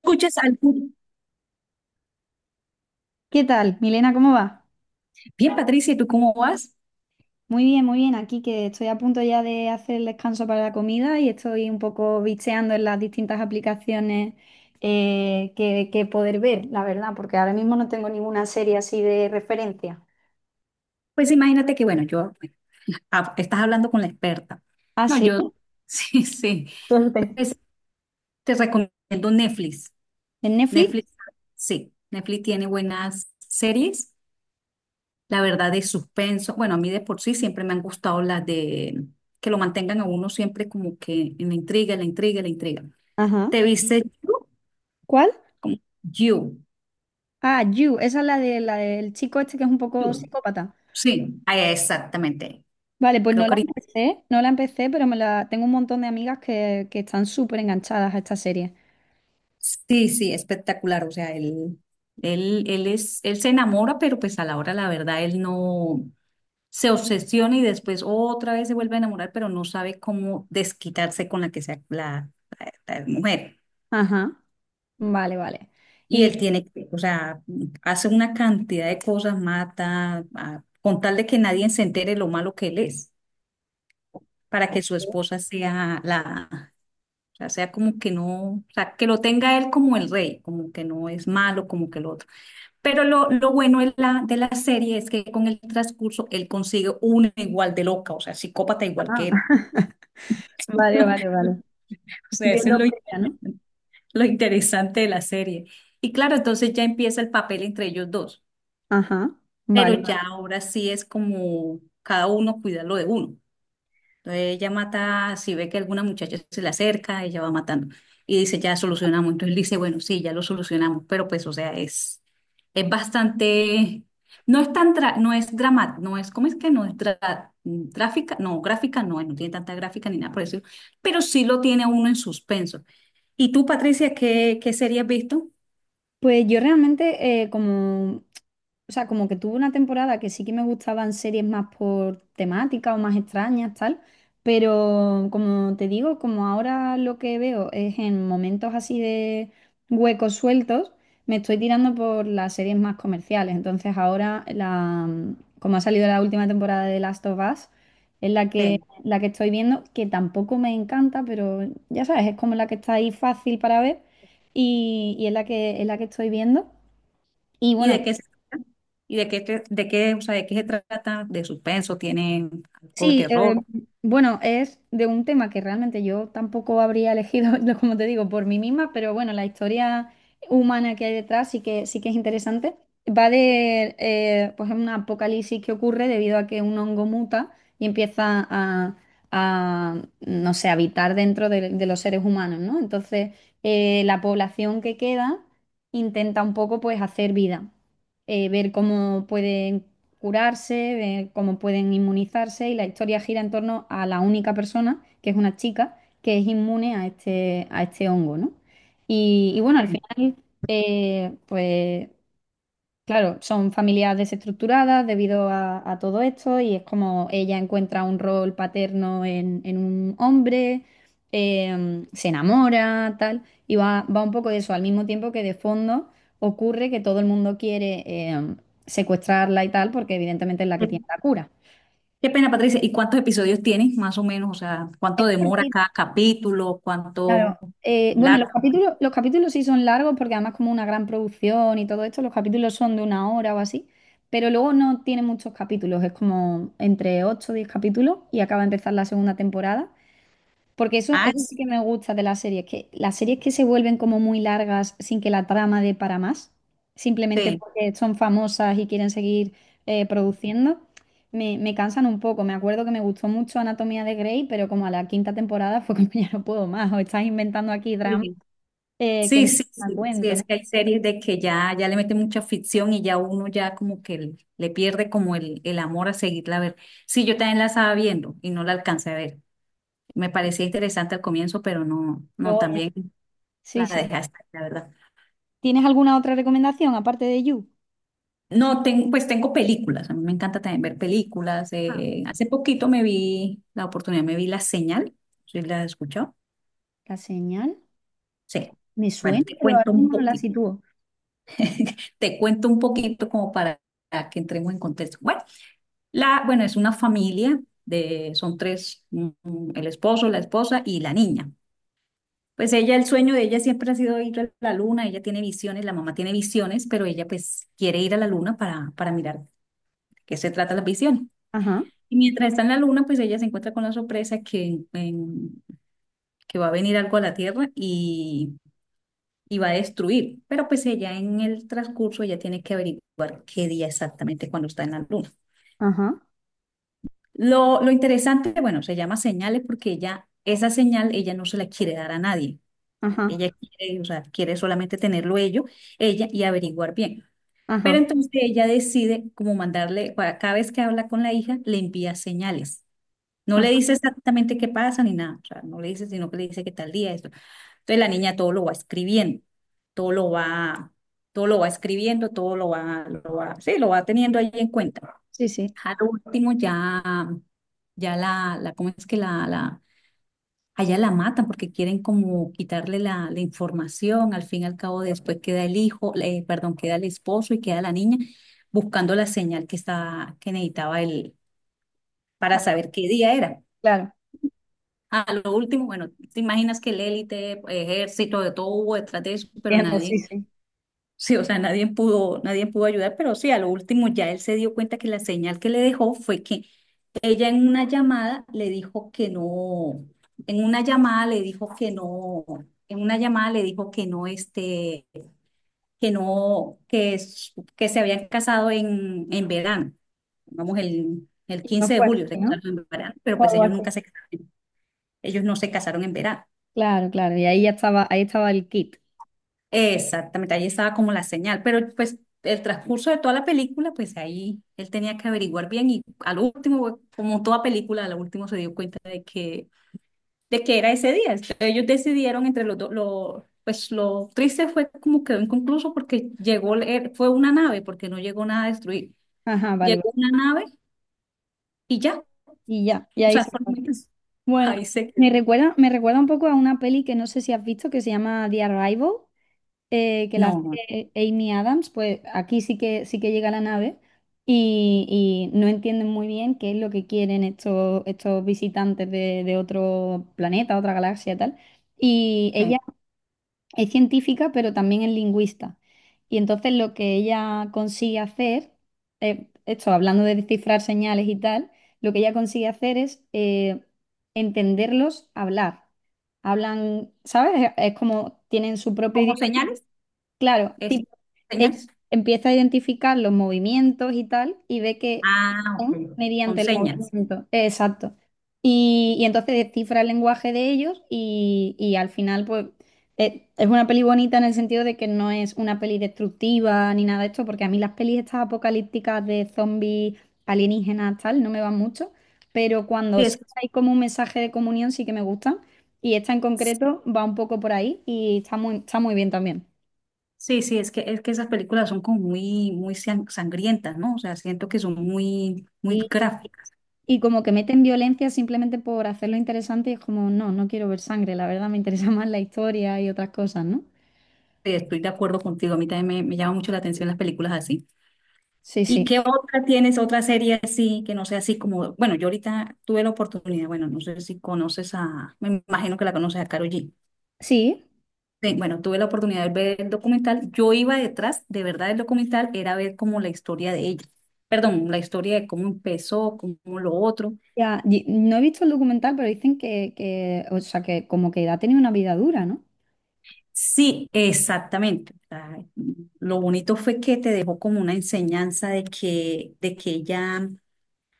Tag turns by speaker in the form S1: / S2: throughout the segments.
S1: Escuchas algún...
S2: ¿Qué tal, Milena? ¿Cómo va?
S1: Bien, Patricia, ¿y tú cómo vas?
S2: Muy bien, muy bien. Aquí que estoy a punto ya de hacer el descanso para la comida y estoy un poco bicheando en las distintas aplicaciones que poder ver, la verdad, porque ahora mismo no tengo ninguna serie así de referencia.
S1: Pues imagínate que, bueno, yo, estás hablando con la experta.
S2: Ah,
S1: No,
S2: sí.
S1: yo, sí, sí.
S2: Suerte.
S1: Pues te recomiendo Netflix.
S2: ¿En Netflix?
S1: Netflix, sí, Netflix tiene buenas series, la verdad, de suspenso. Bueno, a mí de por sí siempre me han gustado las de que lo mantengan a uno siempre como que en la intriga, la intriga, la intriga.
S2: Ajá.
S1: ¿Te viste You?
S2: ¿Cuál?
S1: Como You.
S2: Ah, You. Esa es la de la del chico este que es un poco
S1: You.
S2: psicópata.
S1: Sí, exactamente.
S2: Vale, pues no
S1: Creo que
S2: la
S1: ahorita.
S2: empecé, no la empecé, pero me la tengo un montón de amigas que están súper enganchadas a esta serie.
S1: Sí, sí, espectacular. O sea, él, él es, él se enamora, pero pues a la hora, la verdad, él no se obsesiona y después otra vez se vuelve a enamorar, pero no sabe cómo desquitarse con la que sea la- la mujer.
S2: Ajá. Vale, vale.
S1: Y él tiene, que, o sea, hace una cantidad de cosas, mata, con tal de que nadie se entere lo malo que él es, para que su esposa sea la, o sea, sea como que no, o sea, que lo tenga él como el rey, como que no es malo, como que lo otro. Pero lo bueno de la serie es que con el transcurso él consigue una igual de loca, o sea, psicópata igual
S2: Ah,
S1: que él.
S2: vale, vale, vale.
S1: O sea,
S2: Dios
S1: eso es
S2: lo
S1: lo,
S2: premia, ¿no?
S1: lo interesante de la serie. Y claro, entonces ya empieza el papel entre ellos dos,
S2: Ajá,
S1: pero
S2: vale.
S1: ya ahora sí es como cada uno cuida lo de uno. Entonces ella mata, si ve que alguna muchacha se le acerca, ella va matando. Y dice, ya solucionamos. Entonces él dice, bueno, sí, ya lo solucionamos. Pero pues, o sea, es bastante, no es tan, no es drama, no es, ¿cómo es que no es tráfica? No, gráfica no, no tiene tanta gráfica ni nada por eso, pero sí lo tiene a uno en suspenso. ¿Y tú, Patricia, qué, qué serie has visto?
S2: Pues yo realmente o sea, como que tuve una temporada que sí que me gustaban series más por temática o más extrañas, tal, pero como te digo, como ahora lo que veo es en momentos así de huecos sueltos, me estoy tirando por las series más comerciales. Entonces como ha salido la última temporada de Last of Us, es
S1: Sí.
S2: la que estoy viendo, que tampoco me encanta, pero ya sabes, es como la que está ahí fácil para ver y es es la que estoy viendo. Y
S1: ¿Y de
S2: bueno,
S1: qué se trata? ¿Y de qué, de qué, o sea, de qué se trata? ¿De suspenso? ¿Tiene algo de
S2: sí,
S1: terror?
S2: bueno, es de un tema que realmente yo tampoco habría elegido, no, como te digo, por mí misma, pero bueno, la historia humana que hay detrás sí que es interesante. Va de, pues, un apocalipsis que ocurre debido a que un hongo muta y empieza a no sé, habitar dentro de los seres humanos, ¿no? Entonces, la población que queda intenta un poco, pues, hacer vida ver cómo pueden curarse, de cómo pueden inmunizarse y la historia gira en torno a la única persona, que es una chica, que es inmune a a este hongo, ¿no? Y bueno, al final, pues claro, son familias desestructuradas debido a todo esto y es como ella encuentra un rol paterno en un hombre, se enamora, tal, y va un poco de eso, al mismo tiempo que de fondo ocurre que todo el mundo quiere em, secuestrarla y tal, porque evidentemente es la que tiene
S1: Sí.
S2: la cura.
S1: Qué pena, Patricia. ¿Y cuántos episodios tienes, más o menos? O sea, ¿cuánto demora cada capítulo?
S2: Claro.
S1: ¿Cuánto
S2: Bueno,
S1: largo?
S2: los capítulos sí son largos porque además como una gran producción y todo esto, los capítulos son de una hora o así, pero luego no tiene muchos capítulos, es como entre 8, o 10 capítulos y acaba de empezar la segunda temporada. Porque
S1: Ah,
S2: eso sí
S1: es-
S2: que me gusta de las series que se vuelven como muy largas sin que la trama dé para más, simplemente
S1: sí,
S2: porque son famosas y quieren seguir produciendo, me cansan un poco. Me acuerdo que me gustó mucho Anatomía de Grey, pero como a la quinta temporada fue como ya no puedo más, o estás inventando aquí drama
S1: sí,
S2: que
S1: sí,
S2: no
S1: sí, sí,
S2: me da
S1: sí,
S2: cuento,
S1: es
S2: ¿no?
S1: que hay series de que ya, ya le meten mucha ficción y ya uno ya como que le pierde como el amor a seguirla a ver. Sí, yo también la estaba viendo y no la alcancé a ver. Me parecía interesante al comienzo, pero no, no,
S2: Luego ya-
S1: también
S2: sí,
S1: la
S2: sí.
S1: dejé hasta, ahí, la verdad.
S2: ¿Tienes alguna otra recomendación aparte de You?
S1: No, pues tengo películas, a mí me encanta también ver películas.
S2: Ah,
S1: Hace poquito me vi, la oportunidad me vi La Señal, ¿sí la has escuchado?
S2: La señal
S1: Sí.
S2: me
S1: Bueno,
S2: suena,
S1: te
S2: pero ahora
S1: cuento un
S2: mismo no la
S1: poquito,
S2: sitúo.
S1: te cuento un poquito como para que entremos en contexto. Bueno, la, bueno, es una familia de, son tres, el esposo, la esposa y la niña. Pues ella, el sueño de ella siempre ha sido ir a la luna, ella tiene visiones, la mamá tiene visiones, pero ella pues quiere ir a la luna para mirar qué se trata las visiones.
S2: Ajá,
S1: Y mientras está en la luna, pues ella se encuentra con la sorpresa que, que va a venir algo a la Tierra y va a destruir. Pero pues ella en el transcurso ella tiene que averiguar qué día exactamente cuando está en la luna.
S2: ajá,
S1: Lo interesante, bueno, se llama señales porque ella, esa señal, ella no se la quiere dar a nadie.
S2: ajá,
S1: Ella quiere, o sea, quiere solamente tenerlo ello, ella y averiguar bien. Pero
S2: ajá.
S1: entonces ella decide como mandarle, para cada vez que habla con la hija, le envía señales. No
S2: Ajá.
S1: le dice exactamente qué pasa ni nada, o sea, no le dice, sino que le dice que tal día esto. Entonces la niña todo lo va escribiendo, todo lo va, todo lo va escribiendo, todo lo va, sí, lo va teniendo ahí en cuenta.
S2: Sí, sí.
S1: Al último ya, ya la, ¿cómo es que la, allá la matan porque quieren como quitarle la, la información, al fin y al cabo después queda el hijo, perdón, queda el esposo y queda la niña buscando la señal que estaba, que necesitaba él para
S2: Ah,
S1: saber qué día era.
S2: claro,
S1: A lo último, bueno, te imaginas que el élite, ejército, de todo hubo detrás de eso, pero
S2: entiendo, sí,
S1: nadie,
S2: sí.
S1: sí, o sea, nadie pudo, nadie pudo ayudar, pero sí, a lo último ya él se dio cuenta que la señal que le dejó fue que ella en una llamada le dijo que no, en una llamada le dijo que no, en una llamada le dijo que no, este, que no, que, que se habían casado en verano, vamos, el
S2: Y no
S1: 15 de
S2: fue
S1: julio
S2: así,
S1: se
S2: ¿no?
S1: casaron en verano, pero
S2: Fue
S1: pues
S2: algo
S1: ellos
S2: así.
S1: nunca se casaron, ellos no se casaron en verano.
S2: Claro, claro. Y ahí ya estaba, ahí estaba el kit.
S1: Exactamente, ahí estaba como la señal, pero pues el transcurso de toda la película, pues ahí él tenía que averiguar bien y al último, como toda película, al último se dio cuenta de que era ese día. Entonces, ellos decidieron entre los dos, lo, pues lo triste fue como quedó inconcluso porque llegó, fue una nave, porque no llegó nada a destruir.
S2: Ajá, vale, vale.
S1: Llegó una nave y ya,
S2: Y ya, y
S1: o
S2: ahí
S1: sea,
S2: se fue.
S1: solamente
S2: Bueno,
S1: ahí se quedó.
S2: me recuerda un poco a una peli que no sé si has visto que se llama The Arrival, que la
S1: No, no
S2: hace Amy Adams. Pues aquí sí que llega la nave y no entienden muy bien qué es lo que quieren estos visitantes de otro planeta, otra galaxia, y tal. Y
S1: sé.
S2: ella es científica, pero también es lingüista. Y entonces lo que ella consigue hacer, esto hablando de descifrar señales y tal, lo que ella consigue hacer es entenderlos hablar. Hablan, ¿sabes? Es como tienen su propio
S1: ¿Como
S2: idioma.
S1: señales?
S2: Claro,
S1: ¿Es
S2: tipo, ella
S1: señales?
S2: empieza a identificar los movimientos y tal, y ve que
S1: Ah,
S2: son
S1: ok, con
S2: mediante el
S1: señas.
S2: movimiento. Exacto. Y entonces descifra el lenguaje de ellos y al final, pues, es una peli bonita en el sentido de que no es una peli destructiva ni nada de esto, porque a mí las pelis estas apocalípticas de zombies, alienígenas, tal, no me van mucho, pero cuando
S1: Sí,
S2: sí
S1: es.
S2: hay como un mensaje de comunión sí que me gustan, y esta en concreto va un poco por ahí y está muy bien también.
S1: Sí, sí, es que esas películas son como muy, muy sangrientas, ¿no? O sea, siento que son muy, muy gráficas.
S2: Y como que meten violencia simplemente por hacerlo interesante y es como, no, no quiero ver sangre, la verdad me interesa más la historia y otras cosas, ¿no?
S1: Estoy de acuerdo contigo, a mí también me llama mucho la atención las películas así.
S2: Sí,
S1: ¿Y
S2: sí.
S1: qué otra tienes, otra serie así, que no sea así como, bueno, yo ahorita tuve la oportunidad, bueno, no sé si conoces a, me imagino que la conoces a Karol G.
S2: Sí,
S1: Sí, bueno, tuve la oportunidad de ver el documental. Yo iba detrás, de verdad, del documental era ver como la historia de ella. Perdón, la historia de cómo empezó, cómo lo otro.
S2: ya, y- no he visto el documental, pero dicen que, o sea, que como que ha tenido una vida dura, ¿no?
S1: Sí, exactamente. O sea, lo bonito fue que te dejó como una enseñanza de que ella, o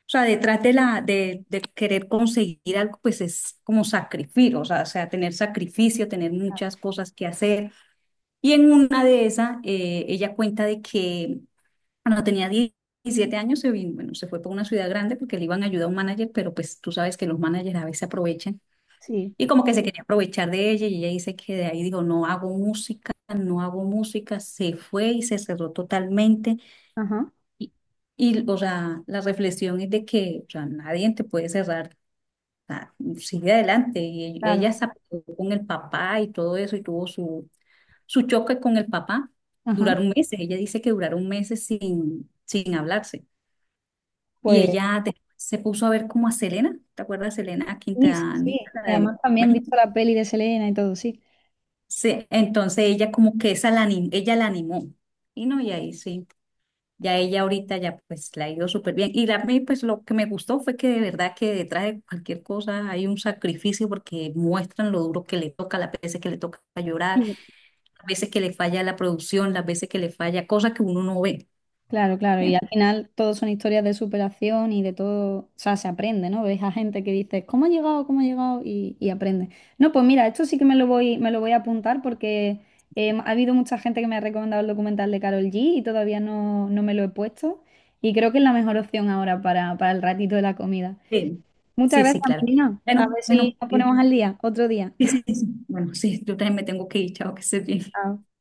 S1: sea, detrás de la, de querer conseguir algo, pues es como sacrificio, o sea, tener sacrificio, tener muchas cosas que hacer. Y en una de esas, ella cuenta de que cuando tenía 17 años se vino, bueno, se fue para una ciudad grande porque le iban a ayudar a un manager, pero pues tú sabes que los managers a veces aprovechan
S2: Sí.
S1: y como que se quería aprovechar de ella y ella dice que de ahí dijo, no hago música, no hago música, se fue y se cerró totalmente.
S2: Ajá,
S1: Y, y o sea, la reflexión es de que o sea, nadie te puede cerrar, o sea, sigue adelante.
S2: claro.
S1: Ella se apegó con el papá y todo eso y tuvo su, su choque con el papá.
S2: Ajá.
S1: Duraron meses, ella dice que duraron meses sin, sin hablarse. Y
S2: Pues
S1: ella después se puso a ver como a Selena, ¿te acuerdas de Selena
S2: sí, sí,
S1: Quintanilla?
S2: sí.
S1: La
S2: Y
S1: de
S2: además también he visto la peli de Selena y todo, sí.
S1: sí, entonces ella como que esa la ella la animó. Y no, y ahí sí, ya ella ahorita ya pues la ha ido súper bien. A mí pues lo que me gustó fue que de verdad que detrás de cualquier cosa hay un sacrificio porque muestran lo duro que le toca, las veces que le toca llorar, las veces que le falla la producción, las veces que le falla, cosas que uno no ve.
S2: Claro, claro, y
S1: Bien.
S2: al final todo son historias de superación y de todo, o sea, se aprende, ¿no? Ves a gente que dice, ¿cómo ha llegado? ¿Cómo ha llegado? Y aprende. No, pues mira, esto sí que me lo voy a apuntar porque ha habido mucha gente que me ha recomendado el documental de Carol G y todavía no, no me lo he puesto y creo que es la mejor opción ahora para el ratito de la comida.
S1: Sí,
S2: Muchas
S1: sí, sí,
S2: gracias,
S1: claro.
S2: Melina. A
S1: Bueno,
S2: ver si
S1: bueno,
S2: nos ponemos al día otro día.
S1: sí, sí, sí. Bueno, sí, yo también me tengo que ir, chao, que estés bien.
S2: Chao.